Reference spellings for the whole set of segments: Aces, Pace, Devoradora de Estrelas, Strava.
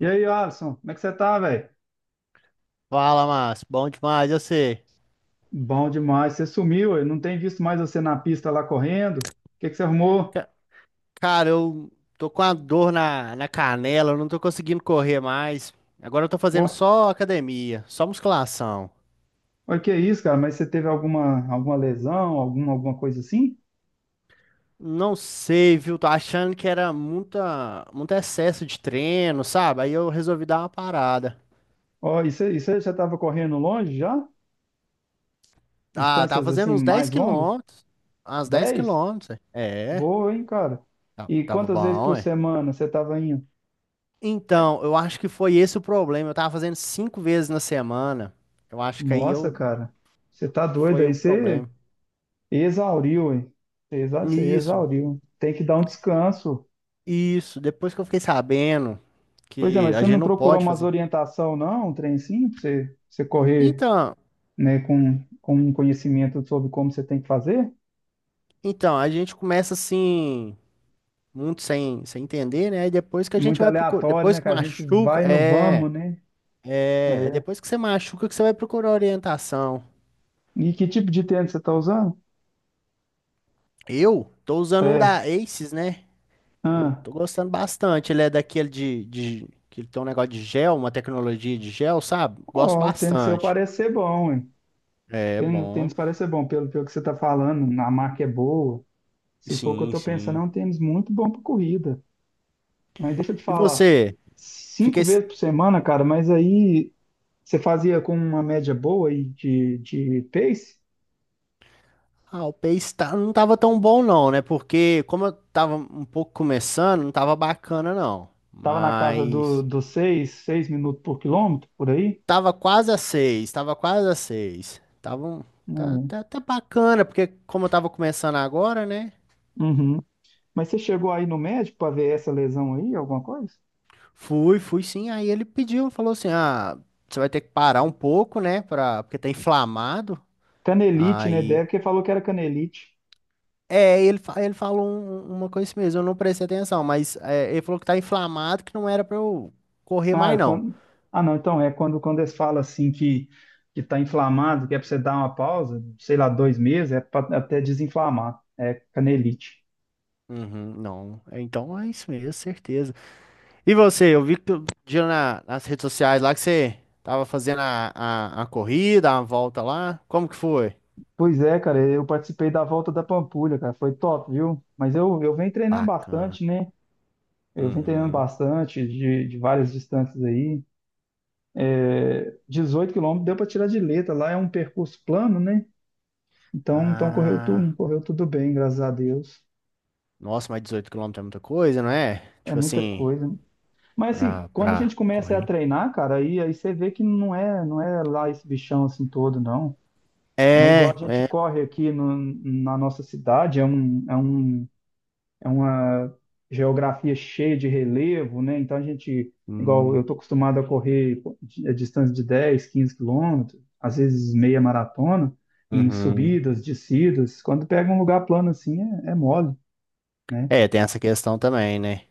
E aí, Alisson, como é que você tá, velho? Fala, Márcio. Bom demais, eu sei. Bom demais, você sumiu, eu não tenho visto mais você na pista lá correndo. O que que você arrumou? Ca- Cara, eu tô com a dor na canela, eu não tô conseguindo correr mais. Agora eu tô Ó, fazendo só academia, só musculação. Olha que é isso, cara, mas você teve alguma lesão, alguma coisa assim? Não sei, viu? Tô achando que era muito excesso de treino, sabe? Aí eu resolvi dar uma parada. E você, e você já estava correndo longe já? Ah, tava Distâncias fazendo assim uns 10 mais longas? quilômetros. Uns 10 10? quilômetros. É, é, Boa, hein, cara? E tava quantas vezes bom, por é. semana você estava indo? Então, eu acho que foi esse o problema. Eu tava fazendo cinco vezes na semana. Eu acho que aí Nossa, eu cara, você tá que doido foi aí, o você problema. exauriu, hein? Você Isso, exauriu. Tem que dar um descanso. isso. Depois que eu fiquei sabendo Pois é, que mas a você gente não não procurou pode umas fazer. orientação, não? Um trem sim, pra você, você correr, Então, né, com um conhecimento sobre como você tem que fazer? então a gente começa assim, muito sem entender, né? E depois que a gente Muito vai procurar, aleatório, depois né? que Que a gente machuca, vai no vamos, né? É. depois que você machuca que você vai procurar orientação. E que tipo de tênis você está usando? Eu tô usando um É. da Aces, né? Eu Ah. tô gostando bastante. Ele é daquele de que ele tem um negócio de gel, uma tecnologia de gel, sabe? Gosto Ó, o tênis seu bastante. parece ser bom, hein? É O bom. tênis parece ser bom, pelo que você está falando, a marca é boa. Se for o que eu Sim, estou pensando, sim. é um tênis muito bom para corrida. Mas deixa eu te E falar, você? cinco Fiquei. vezes por semana, cara, mas aí você fazia com uma média boa aí de pace? Ah, o Pace não tava tão bom não, né? Porque como eu tava um pouco começando, não tava bacana não. Tava na casa do, Mas dos seis minutos por quilômetro, por aí? tava quase a 6, tava quase a 6. Tá, É. tá, tá bacana, porque como eu tava começando agora, né? Uhum. Mas você chegou aí no médico para ver essa lesão aí, alguma coisa? Fui, fui sim. Aí ele pediu, falou assim: "Ah, você vai ter que parar um pouco, né, para porque tá inflamado". Canelite, né? Aí Deve que falou que era canelite. Ele falou uma coisa assim mesmo, eu não prestei atenção, mas ele falou que tá inflamado, que não era pra eu correr Ah, é mais não. quando... não, então é quando, quando eles falam assim que está inflamado, que é para você dar uma pausa, sei lá, 2 meses, é para até desinflamar. É canelite. Uhum, não. É, então é isso mesmo, certeza. E você, eu vi que tu dia nas redes sociais lá que você tava fazendo a corrida, a volta lá. Como que foi? Pois é, cara, eu participei da volta da Pampulha, cara, foi top, viu? Mas eu venho treinando Bacana. bastante, né? Eu venho treinando Uhum. bastante de várias distâncias aí. 18 quilômetros deu para tirar de letra, lá é um percurso plano, né? Então Ah, correu tudo bem, graças a Deus. nossa, mas 18 quilômetros é muita coisa, não é? É Tipo muita assim, coisa. Mas assim, pra, quando a pra gente começa a correr. treinar, cara, aí você vê que não é lá esse bichão assim todo, não. Não é igual É, a gente é. corre aqui na nossa cidade, é uma geografia cheia de relevo, né? Então a gente, igual eu Hum, estou acostumado a correr a distância de 10, 15 quilômetros, às vezes meia maratona, em uhum. subidas, descidas. Quando pega um lugar plano assim, é mole, né? É, tem essa questão também, né?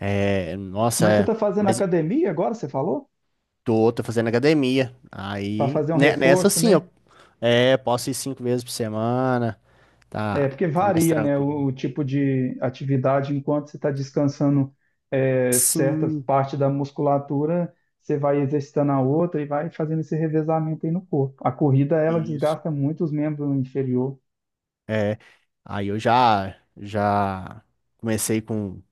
É, nossa, Mas você é. está fazendo Mas academia agora, você falou? tô fazendo academia. Para Aí, fazer um nessa reforço, sim, né? eu posso ir cinco vezes por semana. É, Tá, porque tá mais varia, né, tranquilo. o tipo de atividade. Enquanto você está descansando certa Sim, parte da musculatura, você vai exercitando a outra e vai fazendo esse revezamento aí no corpo. A corrida, ela isso. desgasta muito os membros inferior. É, aí eu já comecei com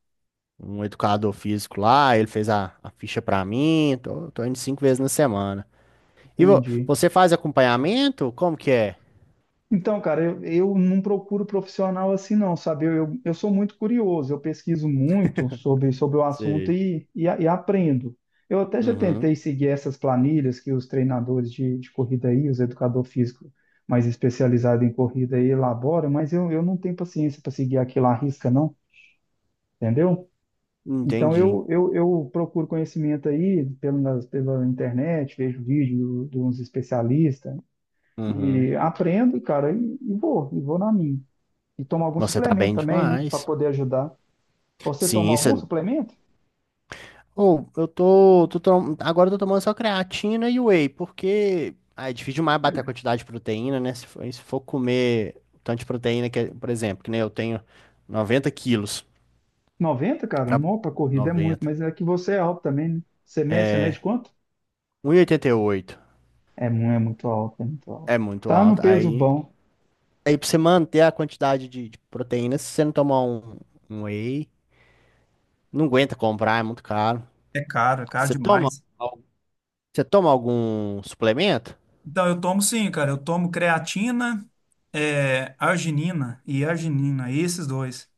um educador físico lá, ele fez a ficha pra mim. Tô indo cinco vezes na semana. E Entendi. você faz acompanhamento? Como que é? Então, cara, eu não procuro profissional assim, não, sabe? Eu sou muito curioso, eu pesquiso muito sobre o assunto Sei. e aprendo. Eu até já Uhum, tentei seguir essas planilhas que os treinadores de corrida aí, os educador físico mais especializado em corrida aí elaboram, mas eu não tenho paciência para seguir aquilo à risca, não, entendeu? Então, entendi. eu procuro conhecimento aí pela internet, vejo vídeo de uns especialistas Uhum. e aprendo, cara, e vou na minha. E tomar algum Você tá suplemento bem também, né? Para demais. poder ajudar. Você toma Sim, algum suplemento? ou eu tô, tô tom- agora eu tô tomando só creatina e whey, porque ah, é difícil demais bater a quantidade de proteína, né? Se for comer o tanto de proteína que, por exemplo, que nem eu tenho 90 quilos 90, cara? pra Não, para corrida é muito, 90, mas é que você é alto também, né? Você mede quanto? um e oitenta e oito É, é muito alto, é muito alto. é muito Tá no alto. peso Aí, bom. aí pra você manter a quantidade de proteína, se você não tomar um whey, não aguenta comprar, é muito caro. É caro Você toma, demais. al- você toma algum suplemento? Então, eu tomo sim, cara. Eu tomo creatina, arginina e arginina, esses dois.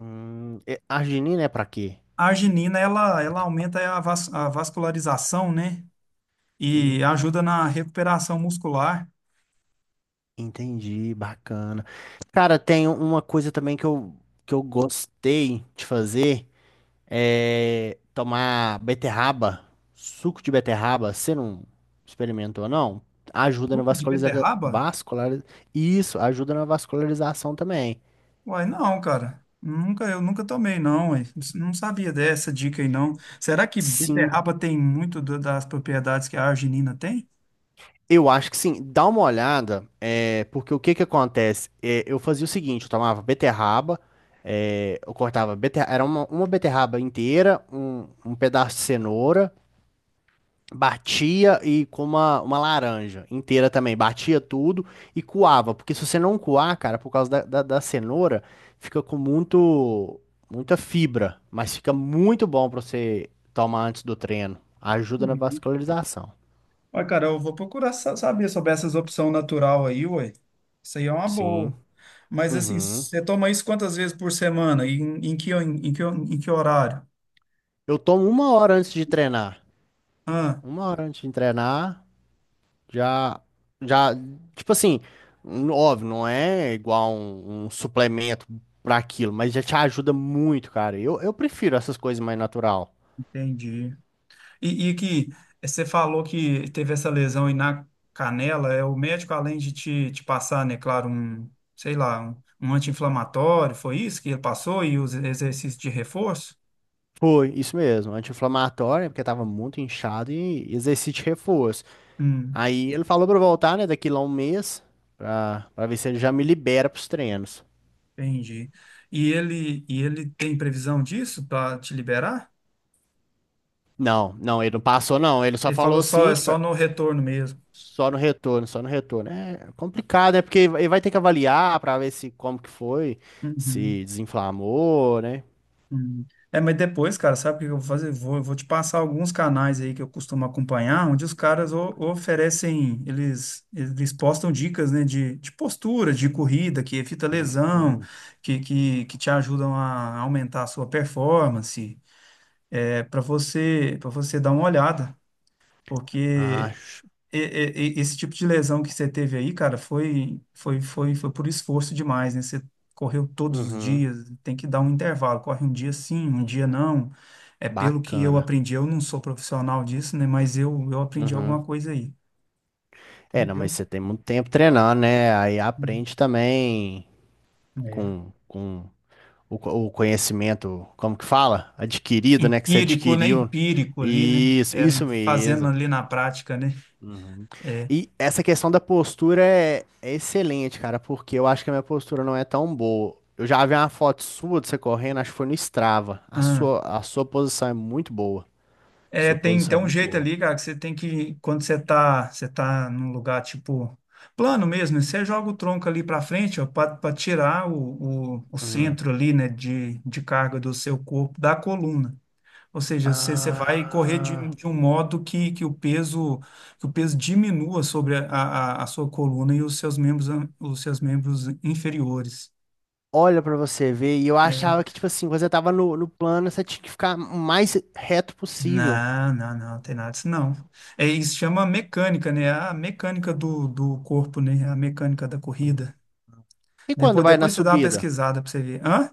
Arginina é pra quê? A arginina, ela aumenta a vascularização, né? E Hum. ajuda na recuperação muscular. Entendi, bacana. Cara, tem uma coisa também que eu gostei de fazer, é tomar beterraba, suco de beterraba. Você não experimentou, não? Ajuda na Suco de vascularização. beterraba? Isso, ajuda na vascularização também. Uai, não, cara. Nunca, eu nunca tomei, não, uai. Não sabia dessa dica aí, não. Será que Sim, beterraba tem muito das propriedades que a arginina tem? eu acho que sim. Dá uma olhada, porque o que que acontece? É, eu fazia o seguinte, eu tomava beterraba, eu cortava beterraba, era uma beterraba inteira, um pedaço de cenoura, batia e com uma laranja inteira também. Batia tudo e coava. Porque se você não coar, cara, por causa da cenoura, fica com muita fibra. Mas fica muito bom pra você tomar antes do treino. Ajuda na Uhum. vascularização. Uai, cara, eu vou procurar saber sobre essas opções natural aí, uai. Isso aí é uma boa. Sim. Mas assim, Uhum. você toma isso quantas vezes por semana? Em que horário? Eu tomo uma hora antes de treinar. Ah, Uma hora antes de treinar. Já, já, tipo assim, óbvio, não é igual um suplemento pra aquilo, mas já te ajuda muito, cara. Eu prefiro essas coisas mais natural. entendi. E que você falou que teve essa lesão aí na canela, é o médico, além de te passar, né, claro, um, sei lá, um anti-inflamatório, foi isso que ele passou e os exercícios de reforço? Foi, isso mesmo, anti-inflamatório, porque tava muito inchado e exercício de reforço. Hum, Aí ele falou pra eu voltar, né, daqui lá um mês, pra ver se ele já me libera pros treinos. entendi. E ele tem previsão disso para te liberar? Não, não, ele não passou, não. Ele só Ele falou falou só, assim, é que. só no retorno mesmo. Só no retorno, só no retorno. É complicado, é porque ele vai ter que avaliar para ver se como que foi, Uhum. se desinflamou, né? Hum. É, mas depois, cara, sabe o que eu vou fazer? Vou te passar alguns canais aí que eu costumo acompanhar, onde os caras oferecem, eles postam dicas, né, de postura, de corrida, que evita lesão, Hum, que te ajudam a aumentar a sua performance, para você dar uma olhada, porque acho. esse tipo de lesão que você teve aí, cara, foi por esforço demais, né? Você correu todos os Uhum, dias, tem que dar um intervalo, corre um dia sim, um dia não. É pelo que eu bacana. aprendi, eu não sou profissional disso, né? Mas eu aprendi Uhum. alguma coisa aí, É, não, mas entendeu? você tem muito tempo treinando, né? Aí aprende também É, é. com o conhecimento, como que fala? Adquirido, né? Que você Empírico, né? adquiriu. Empírico ali, né? Isso, É, isso fazendo mesmo. ali na prática, né? Uhum. É. E essa questão da postura é excelente, cara, porque eu acho que a minha postura não é tão boa. Eu já vi uma foto sua de você correndo, acho que foi no Strava. A sua posição é muito boa. É, Sua tem, posição tem é um muito jeito boa. ali, cara, que você tem que, quando você tá num lugar, tipo, plano mesmo, né, você joga o tronco ali pra frente, ó, pra tirar o Uhum. centro ali, né, de carga do seu corpo, da coluna. Ou seja, você vai correr de, Ah, de um modo que o peso, que o peso diminua sobre a sua coluna e os seus membros inferiores. olha pra você ver. E eu Né. achava que, tipo assim, quando você tava no plano, você tinha que ficar o mais reto possível. Não, não, não, não tem nada disso, não. É, isso chama mecânica, né? A mecânica do corpo, né? A mecânica da corrida. E quando Depois, vai na depois você dá uma subida? pesquisada para você ver. Hã?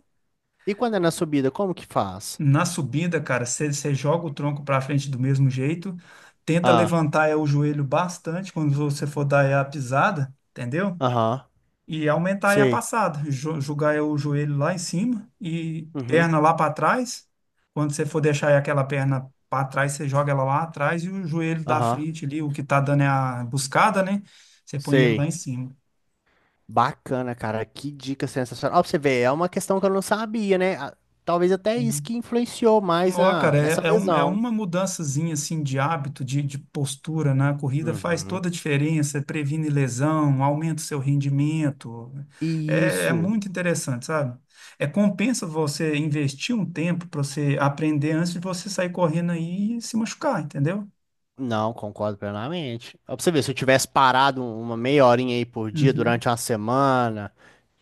E quando é na subida, como que faz? Na subida, cara, você joga o tronco para frente do mesmo jeito, tenta Ah, levantar o joelho bastante quando você for dar a pisada, entendeu? aham, E aumentar aí a sei. passada, jogar aí o joelho lá em cima e Uhum, perna lá para trás. Quando você for deixar aí aquela perna para trás, você joga ela lá atrás e o joelho da aham, frente ali, o que tá dando é a buscada, né? Você põe ele sei. lá em cima. Bacana, cara. Que dica sensacional. Ó, pra você ver, é uma questão que eu não sabia, né? Ah, talvez até isso que influenciou mais Nó, cara, nessa é lesão. uma mudançazinha assim de hábito, de postura na corrida faz Uhum. toda a diferença, é previne lesão, aumenta o seu rendimento. E É isso. muito interessante, sabe? É compensa você investir um tempo para você aprender antes de você sair correndo aí e se machucar, entendeu? Não, concordo plenamente. Ó, pra você ver, se eu tivesse parado uma meia horinha aí por dia Uhum. durante uma semana,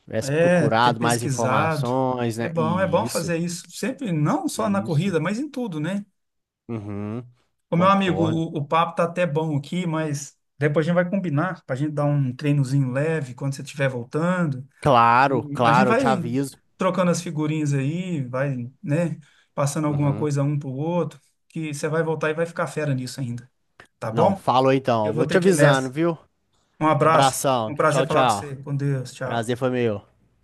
tivesse É, ter procurado mais pesquisado. informações, né? É E bom isso, fazer isso sempre, não só na e isso. corrida, mas em tudo, né? Uhum. Ô, meu amigo, Concordo. o papo tá até bom aqui, mas depois a gente vai combinar para a gente dar um treinozinho leve quando você estiver voltando. Claro, E a gente claro, eu te vai aviso. trocando as figurinhas aí, vai, né, passando alguma Uhum. coisa um pro outro, que você vai voltar e vai ficar fera nisso ainda, tá Não, bom? falou então. Eu Eu vou vou ter te que ir avisando, nessa. viu? Um abraço, um Abração. Tchau, prazer falar com tchau. você. Com Deus, Prazer tchau. foi meu.